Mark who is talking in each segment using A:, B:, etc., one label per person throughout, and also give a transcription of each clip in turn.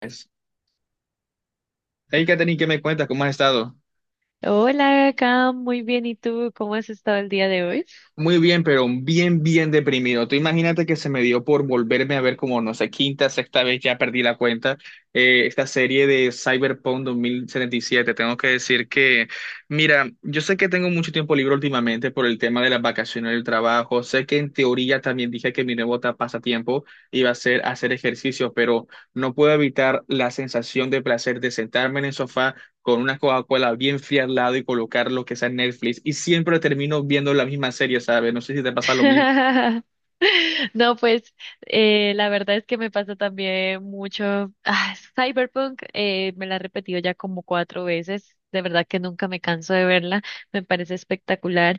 A: Es- Hey, Katherine, ¿qué me cuentas? ¿Cómo has estado?
B: Hola, acá muy bien. ¿Y tú cómo has estado el día de hoy?
A: Muy bien, pero bien, bien deprimido. Tú imagínate que se me dio por volverme a ver como, no sé, quinta, sexta vez, ya perdí la cuenta, esta serie de Cyberpunk 2077. Tengo que decir que, mira, yo sé que tengo mucho tiempo libre últimamente por el tema de las vacaciones del trabajo. Sé que en teoría también dije que mi nuevo pasatiempo iba a ser hacer ejercicio, pero no puedo evitar la sensación de placer de sentarme en el sofá con una Coca-Cola bien fría al lado y colocar lo que sea en Netflix y siempre termino viendo la misma serie, ¿sabes? No sé si te pasa lo mismo.
B: No, pues la verdad es que me pasa también mucho. Ah, Cyberpunk me la he repetido ya como cuatro veces. De verdad que nunca me canso de verla. Me parece espectacular.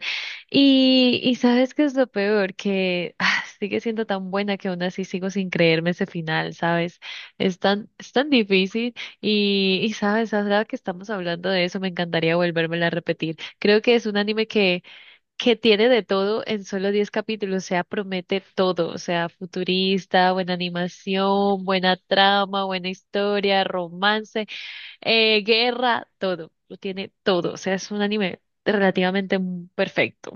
B: Y sabes qué es lo peor, que sigue siendo tan buena que aún así sigo sin creerme ese final, ¿sabes? Es tan difícil. Y sabes, ahora que estamos hablando de eso, me encantaría volvérmela a repetir. Creo que es un anime que tiene de todo en solo 10 capítulos, o sea, promete todo, o sea, futurista, buena animación, buena trama, buena historia, romance, guerra, todo, lo tiene todo, o sea, es un anime relativamente perfecto.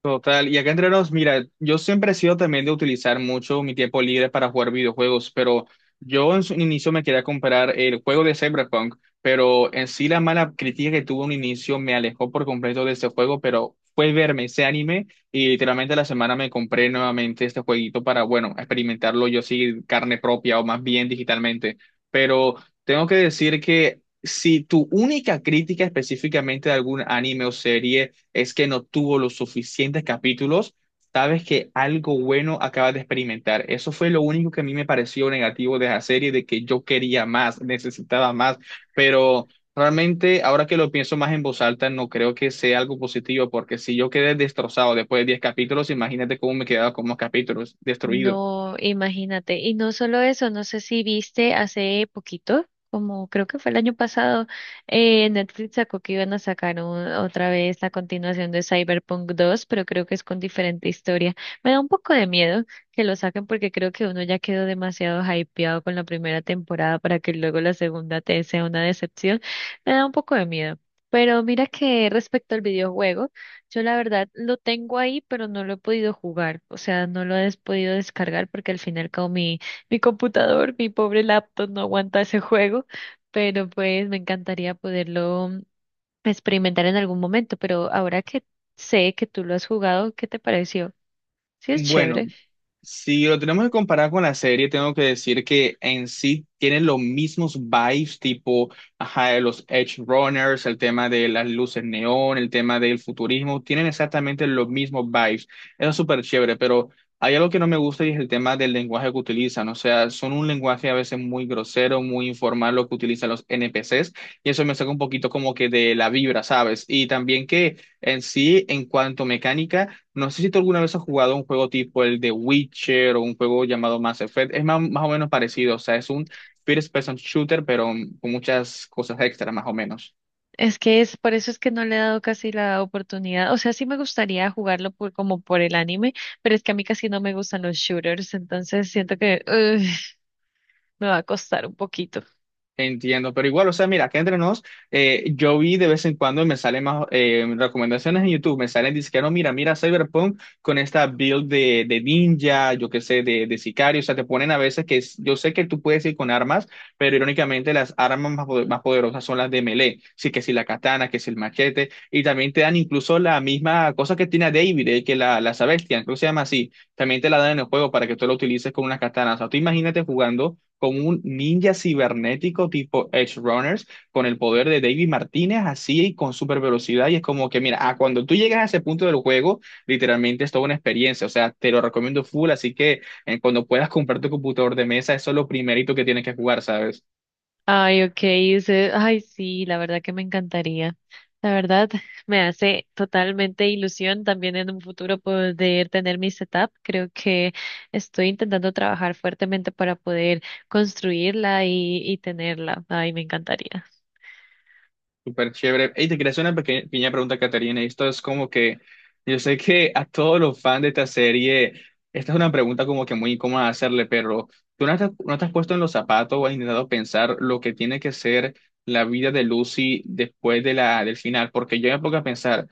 A: Total, y acá entre nos, mira, yo siempre he sido también de utilizar mucho mi tiempo libre para jugar videojuegos, pero yo en su inicio me quería comprar el juego de Cyberpunk, pero en sí la mala crítica que tuvo un inicio me alejó por completo de este juego, pero fue verme ese anime y literalmente la semana me compré nuevamente este jueguito para, bueno, experimentarlo yo sí carne propia o más bien digitalmente, pero tengo que decir que si tu única crítica específicamente de algún anime o serie es que no tuvo los suficientes capítulos, sabes que algo bueno acabas de experimentar. Eso fue lo único que a mí me pareció negativo de la serie, de que yo quería más, necesitaba más, pero... Realmente, ahora que lo pienso más en voz alta, no creo que sea algo positivo, porque si yo quedé destrozado después de 10 capítulos, imagínate cómo me quedaba con más capítulos, destruido.
B: No, imagínate. Y no solo eso, no sé si viste hace poquito, como creo que fue el año pasado, Netflix sacó que iban a sacar otra vez la continuación de Cyberpunk 2, pero creo que es con diferente historia. Me da un poco de miedo que lo saquen porque creo que uno ya quedó demasiado hypeado con la primera temporada para que luego la segunda te sea una decepción. Me da un poco de miedo. Pero mira que respecto al videojuego. Yo la verdad lo tengo ahí, pero no lo he podido jugar, o sea, no lo he podido descargar porque al final como mi computador, mi pobre laptop no aguanta ese juego, pero pues me encantaría poderlo experimentar en algún momento, pero ahora que sé que tú lo has jugado, ¿qué te pareció? Sí, es chévere.
A: Bueno, si lo tenemos que comparar con la serie, tengo que decir que en sí tienen los mismos vibes, tipo, ajá, de los Edge Runners, el tema de las luces neón, el tema del futurismo, tienen exactamente los mismos vibes. Eso es súper chévere, pero hay algo que no me gusta y es el tema del lenguaje que utilizan. O sea, son un lenguaje a veces muy grosero, muy informal lo que utilizan los NPCs, y eso me saca un poquito como que de la vibra, ¿sabes? Y también que en sí, en cuanto a mecánica, no sé si tú alguna vez has jugado un juego tipo el de Witcher o un juego llamado Mass Effect. Es más, más o menos parecido, o sea, es un first person shooter, pero con muchas cosas extra, más o menos.
B: Es que es, por eso es que no le he dado casi la oportunidad, o sea, sí me gustaría jugarlo por, como por el anime, pero es que a mí casi no me gustan los shooters, entonces siento que ugh, me va a costar un poquito.
A: Entiendo, pero igual, o sea, mira, que entre nos, yo vi de vez en cuando me salen más recomendaciones en YouTube, me salen diciendo, no, mira, mira Cyberpunk con esta build de, ninja, yo qué sé, de, sicario, o sea, te ponen a veces que yo sé que tú puedes ir con armas, pero irónicamente las armas más, más poderosas son las de melee, sí que si la katana, que es el machete, y también te dan incluso la misma cosa que tiene a David, que la, Sebastian, creo que se llama así, también te la dan en el juego para que tú la utilices con una katana, o sea, tú imagínate jugando como un ninja cibernético tipo Edge Runners con el poder de David Martínez, así y con super velocidad. Y es como que, mira, ah, cuando tú llegas a ese punto del juego, literalmente es toda una experiencia. O sea, te lo recomiendo full. Así que cuando puedas comprar tu computador de mesa, eso es lo primerito que tienes que jugar, ¿sabes?
B: Ay, ok, dice, ay, sí, la verdad que me encantaría. La verdad, me hace totalmente ilusión también en un futuro poder tener mi setup. Creo que estoy intentando trabajar fuertemente para poder construirla y tenerla. Ay, me encantaría.
A: Súper chévere. Y te quería hacer una pequeña pregunta, Caterina. Esto es como que yo sé que a todos los fans de esta serie, esta es una pregunta como que muy incómoda hacerle, pero ¿tú no te has puesto en los zapatos o has intentado pensar lo que tiene que ser la vida de Lucy después de del final? Porque yo me pongo a pensar,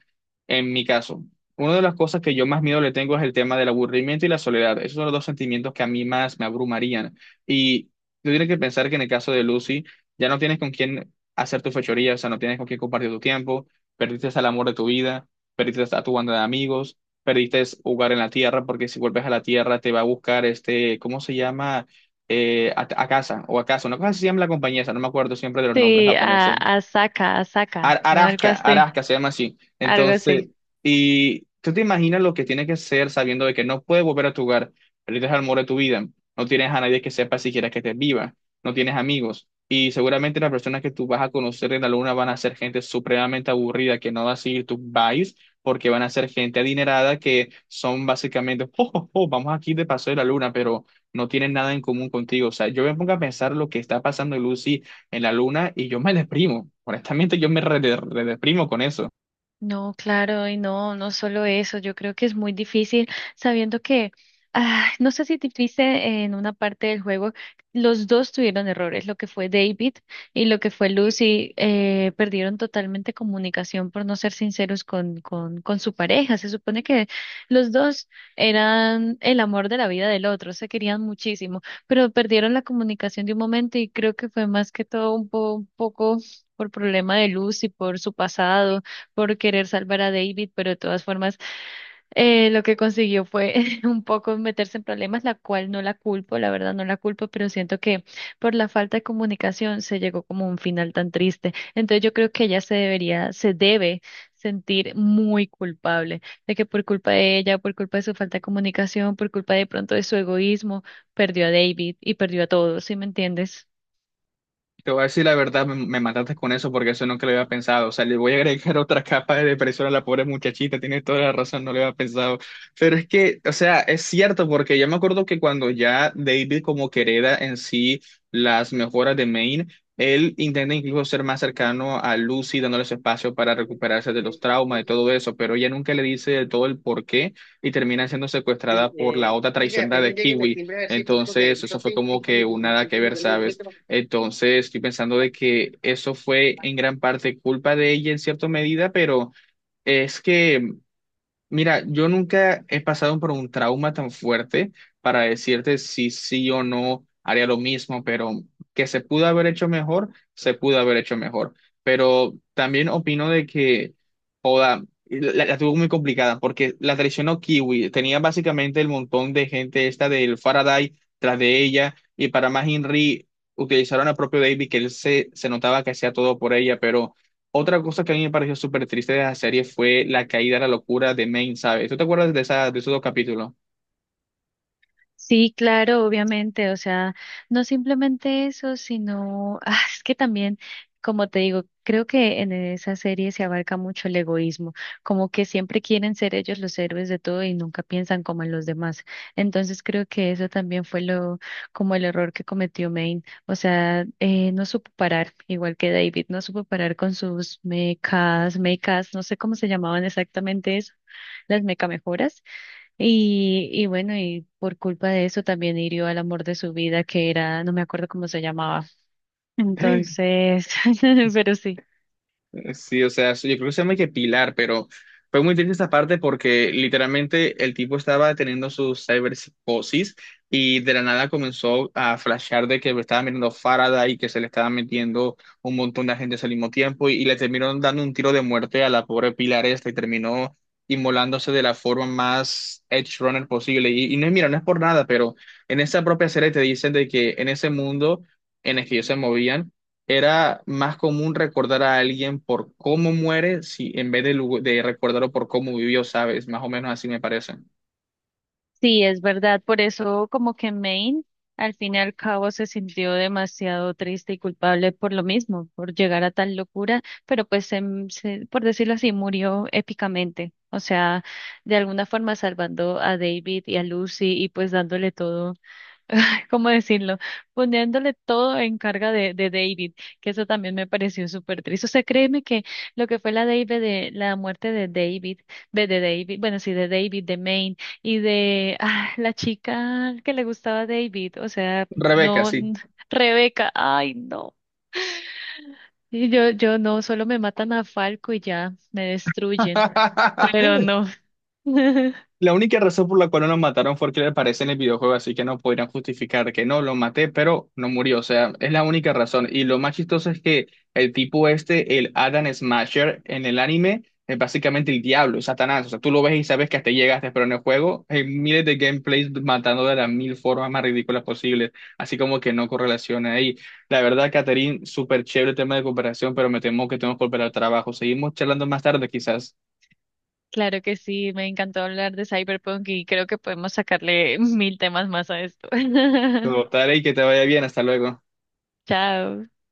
A: en mi caso, una de las cosas que yo más miedo le tengo es el tema del aburrimiento y la soledad. Esos son los 2 sentimientos que a mí más me abrumarían. Y tú tienes que pensar que en el caso de Lucy, ya no tienes con quién hacer tu fechoría, o sea, no tienes con quién compartir tu tiempo, perdiste el amor de tu vida, perdiste a tu banda de amigos, perdiste jugar en la tierra, porque si vuelves a la tierra te va a buscar este, ¿cómo se llama? A, casa o a casa, una cosa así se llama la compañía, esa, no me acuerdo siempre de los nombres
B: Sí,
A: japoneses.
B: a Asaka, Asaka, ¿no? Algo
A: Arasca,
B: así,
A: Arasca se llama así.
B: algo
A: Entonces,
B: así.
A: y tú te imaginas lo que tiene que ser sabiendo de que no puedes volver a tu hogar, perdiste el amor de tu vida, no tienes a nadie que sepa siquiera que estés viva, no tienes amigos, y seguramente las personas que tú vas a conocer en la luna van a ser gente supremamente aburrida que no va a seguir tus vibes, porque van a ser gente adinerada que son básicamente, oh, oh, oh, vamos aquí de paso de la luna, pero no tienen nada en común contigo. O sea, yo me pongo a pensar lo que está pasando, Lucy en la luna y yo me deprimo. Honestamente, yo me redeprimo con eso.
B: No, claro, y no, no solo eso, yo creo que es muy difícil sabiendo que, ah, no sé si te viste en una parte del juego, los dos tuvieron errores, lo que fue David y lo que fue Lucy, perdieron totalmente comunicación por no ser sinceros con su pareja. Se supone que los dos eran el amor de la vida del otro, se querían muchísimo, pero perdieron la comunicación de un momento y creo que fue más que todo un poco por problema de Lucy, por su pasado por querer salvar a David, pero de todas formas lo que consiguió fue un poco meterse en problemas, la cual no la culpo, la verdad no la culpo, pero siento que por la falta de comunicación se llegó como a un final tan triste. Entonces yo creo que se debe sentir muy culpable de que por culpa de ella, por culpa de su falta de comunicación, por culpa de pronto de su egoísmo, perdió a David y perdió a todos, ¿sí me entiendes?
A: Te voy a decir la verdad, me mataste con eso porque eso nunca lo había pensado. O sea, le voy a agregar otra capa de depresión a la pobre muchachita, tiene toda la razón, no lo había pensado. Pero es que, o sea, es cierto porque ya me acuerdo que cuando ya David como que hereda en sí las mejoras de Maine, él intenta incluso ser más cercano a Lucy, dándole su espacio para recuperarse de los traumas y todo eso, pero ella nunca le dice de todo el por qué y termina siendo secuestrada por la otra traicionera de Kiwi. Entonces, eso fue como que un nada que ver, ¿sabes? Entonces, estoy pensando de que eso fue en gran parte culpa de ella en cierta medida, pero es que, mira, yo nunca he pasado por un trauma tan fuerte para decirte si sí o no haría lo mismo, pero que se pudo haber hecho mejor, se pudo haber hecho mejor. Pero también opino de que la, tuvo muy complicada porque la traicionó Kiwi. Tenía básicamente el montón de gente esta del Faraday tras de ella. Y para más Henry utilizaron al propio David, que él se notaba que hacía todo por ella. Pero otra cosa que a mí me pareció súper triste de la serie fue la caída a la locura de Main, ¿sabes? ¿Tú te acuerdas de, esa, de esos 2 capítulos?
B: Sí, claro, obviamente, o sea, no simplemente eso, sino, ah, es que también, como te digo, creo que en esa serie se abarca mucho el egoísmo, como que siempre quieren ser ellos los héroes de todo y nunca piensan como en los demás. Entonces creo que eso también fue lo, como el error que cometió Maine, o sea, no supo parar, igual que David, no supo parar con sus mecas, no sé cómo se llamaban exactamente eso, las mecamejoras y bueno, y por culpa de eso también hirió al amor de su vida, que era, no me acuerdo cómo se llamaba. Entonces, pero sí,
A: Sí, o sea, yo creo que se llama que Pilar, pero fue muy triste esta parte porque literalmente el tipo estaba teniendo su cyberpsicosis y de la nada comenzó a flashear de que estaba mirando Faraday y que se le estaba metiendo un montón de agentes al mismo tiempo y le terminaron dando un tiro de muerte a la pobre Pilar esta y terminó inmolándose de la forma más edge runner posible. Y no, mira, no es por nada, pero en esa propia serie te dicen de que en ese mundo en el que ellos se movían, era más común recordar a alguien por cómo muere, si en vez de, de recordarlo por cómo vivió, ¿sabes? Más o menos así me parece.
B: sí, es verdad. Por eso como que Maine al fin y al cabo se sintió demasiado triste y culpable por lo mismo, por llegar a tal locura, pero por decirlo así, murió épicamente. O sea, de alguna forma salvando a David y a Lucy y pues dándole todo. Ay, ¿cómo decirlo? Poniéndole todo en carga de David, que eso también me pareció súper triste. O sea, créeme que lo que fue la muerte de David, bueno, sí, de Maine, y de ah, la chica que le gustaba a David, o sea,
A: Rebeca,
B: no,
A: sí.
B: n- Rebeca, ay, no. Y yo no, solo me matan a Falco y ya, me destruyen, pero no.
A: La única razón por la cual no lo mataron fue que le aparece en el videojuego, así que no podrían justificar que no, lo maté, pero no murió. O sea, es la única razón. Y lo más chistoso es que el tipo este, el Adam Smasher, en el anime, es básicamente el diablo, es Satanás. O sea, tú lo ves y sabes que hasta llegaste, pero en el juego hay miles de gameplays matando de las mil formas más ridículas posibles. Así como que no correlaciona ahí. La verdad, Catherine, súper chévere el tema de cooperación, pero me temo que tenemos que volver al trabajo. Seguimos charlando más tarde, quizás.
B: Claro que sí, me encantó hablar de Cyberpunk y creo que podemos sacarle mil temas más a esto.
A: Total, y que te vaya bien. Hasta luego.
B: Chao.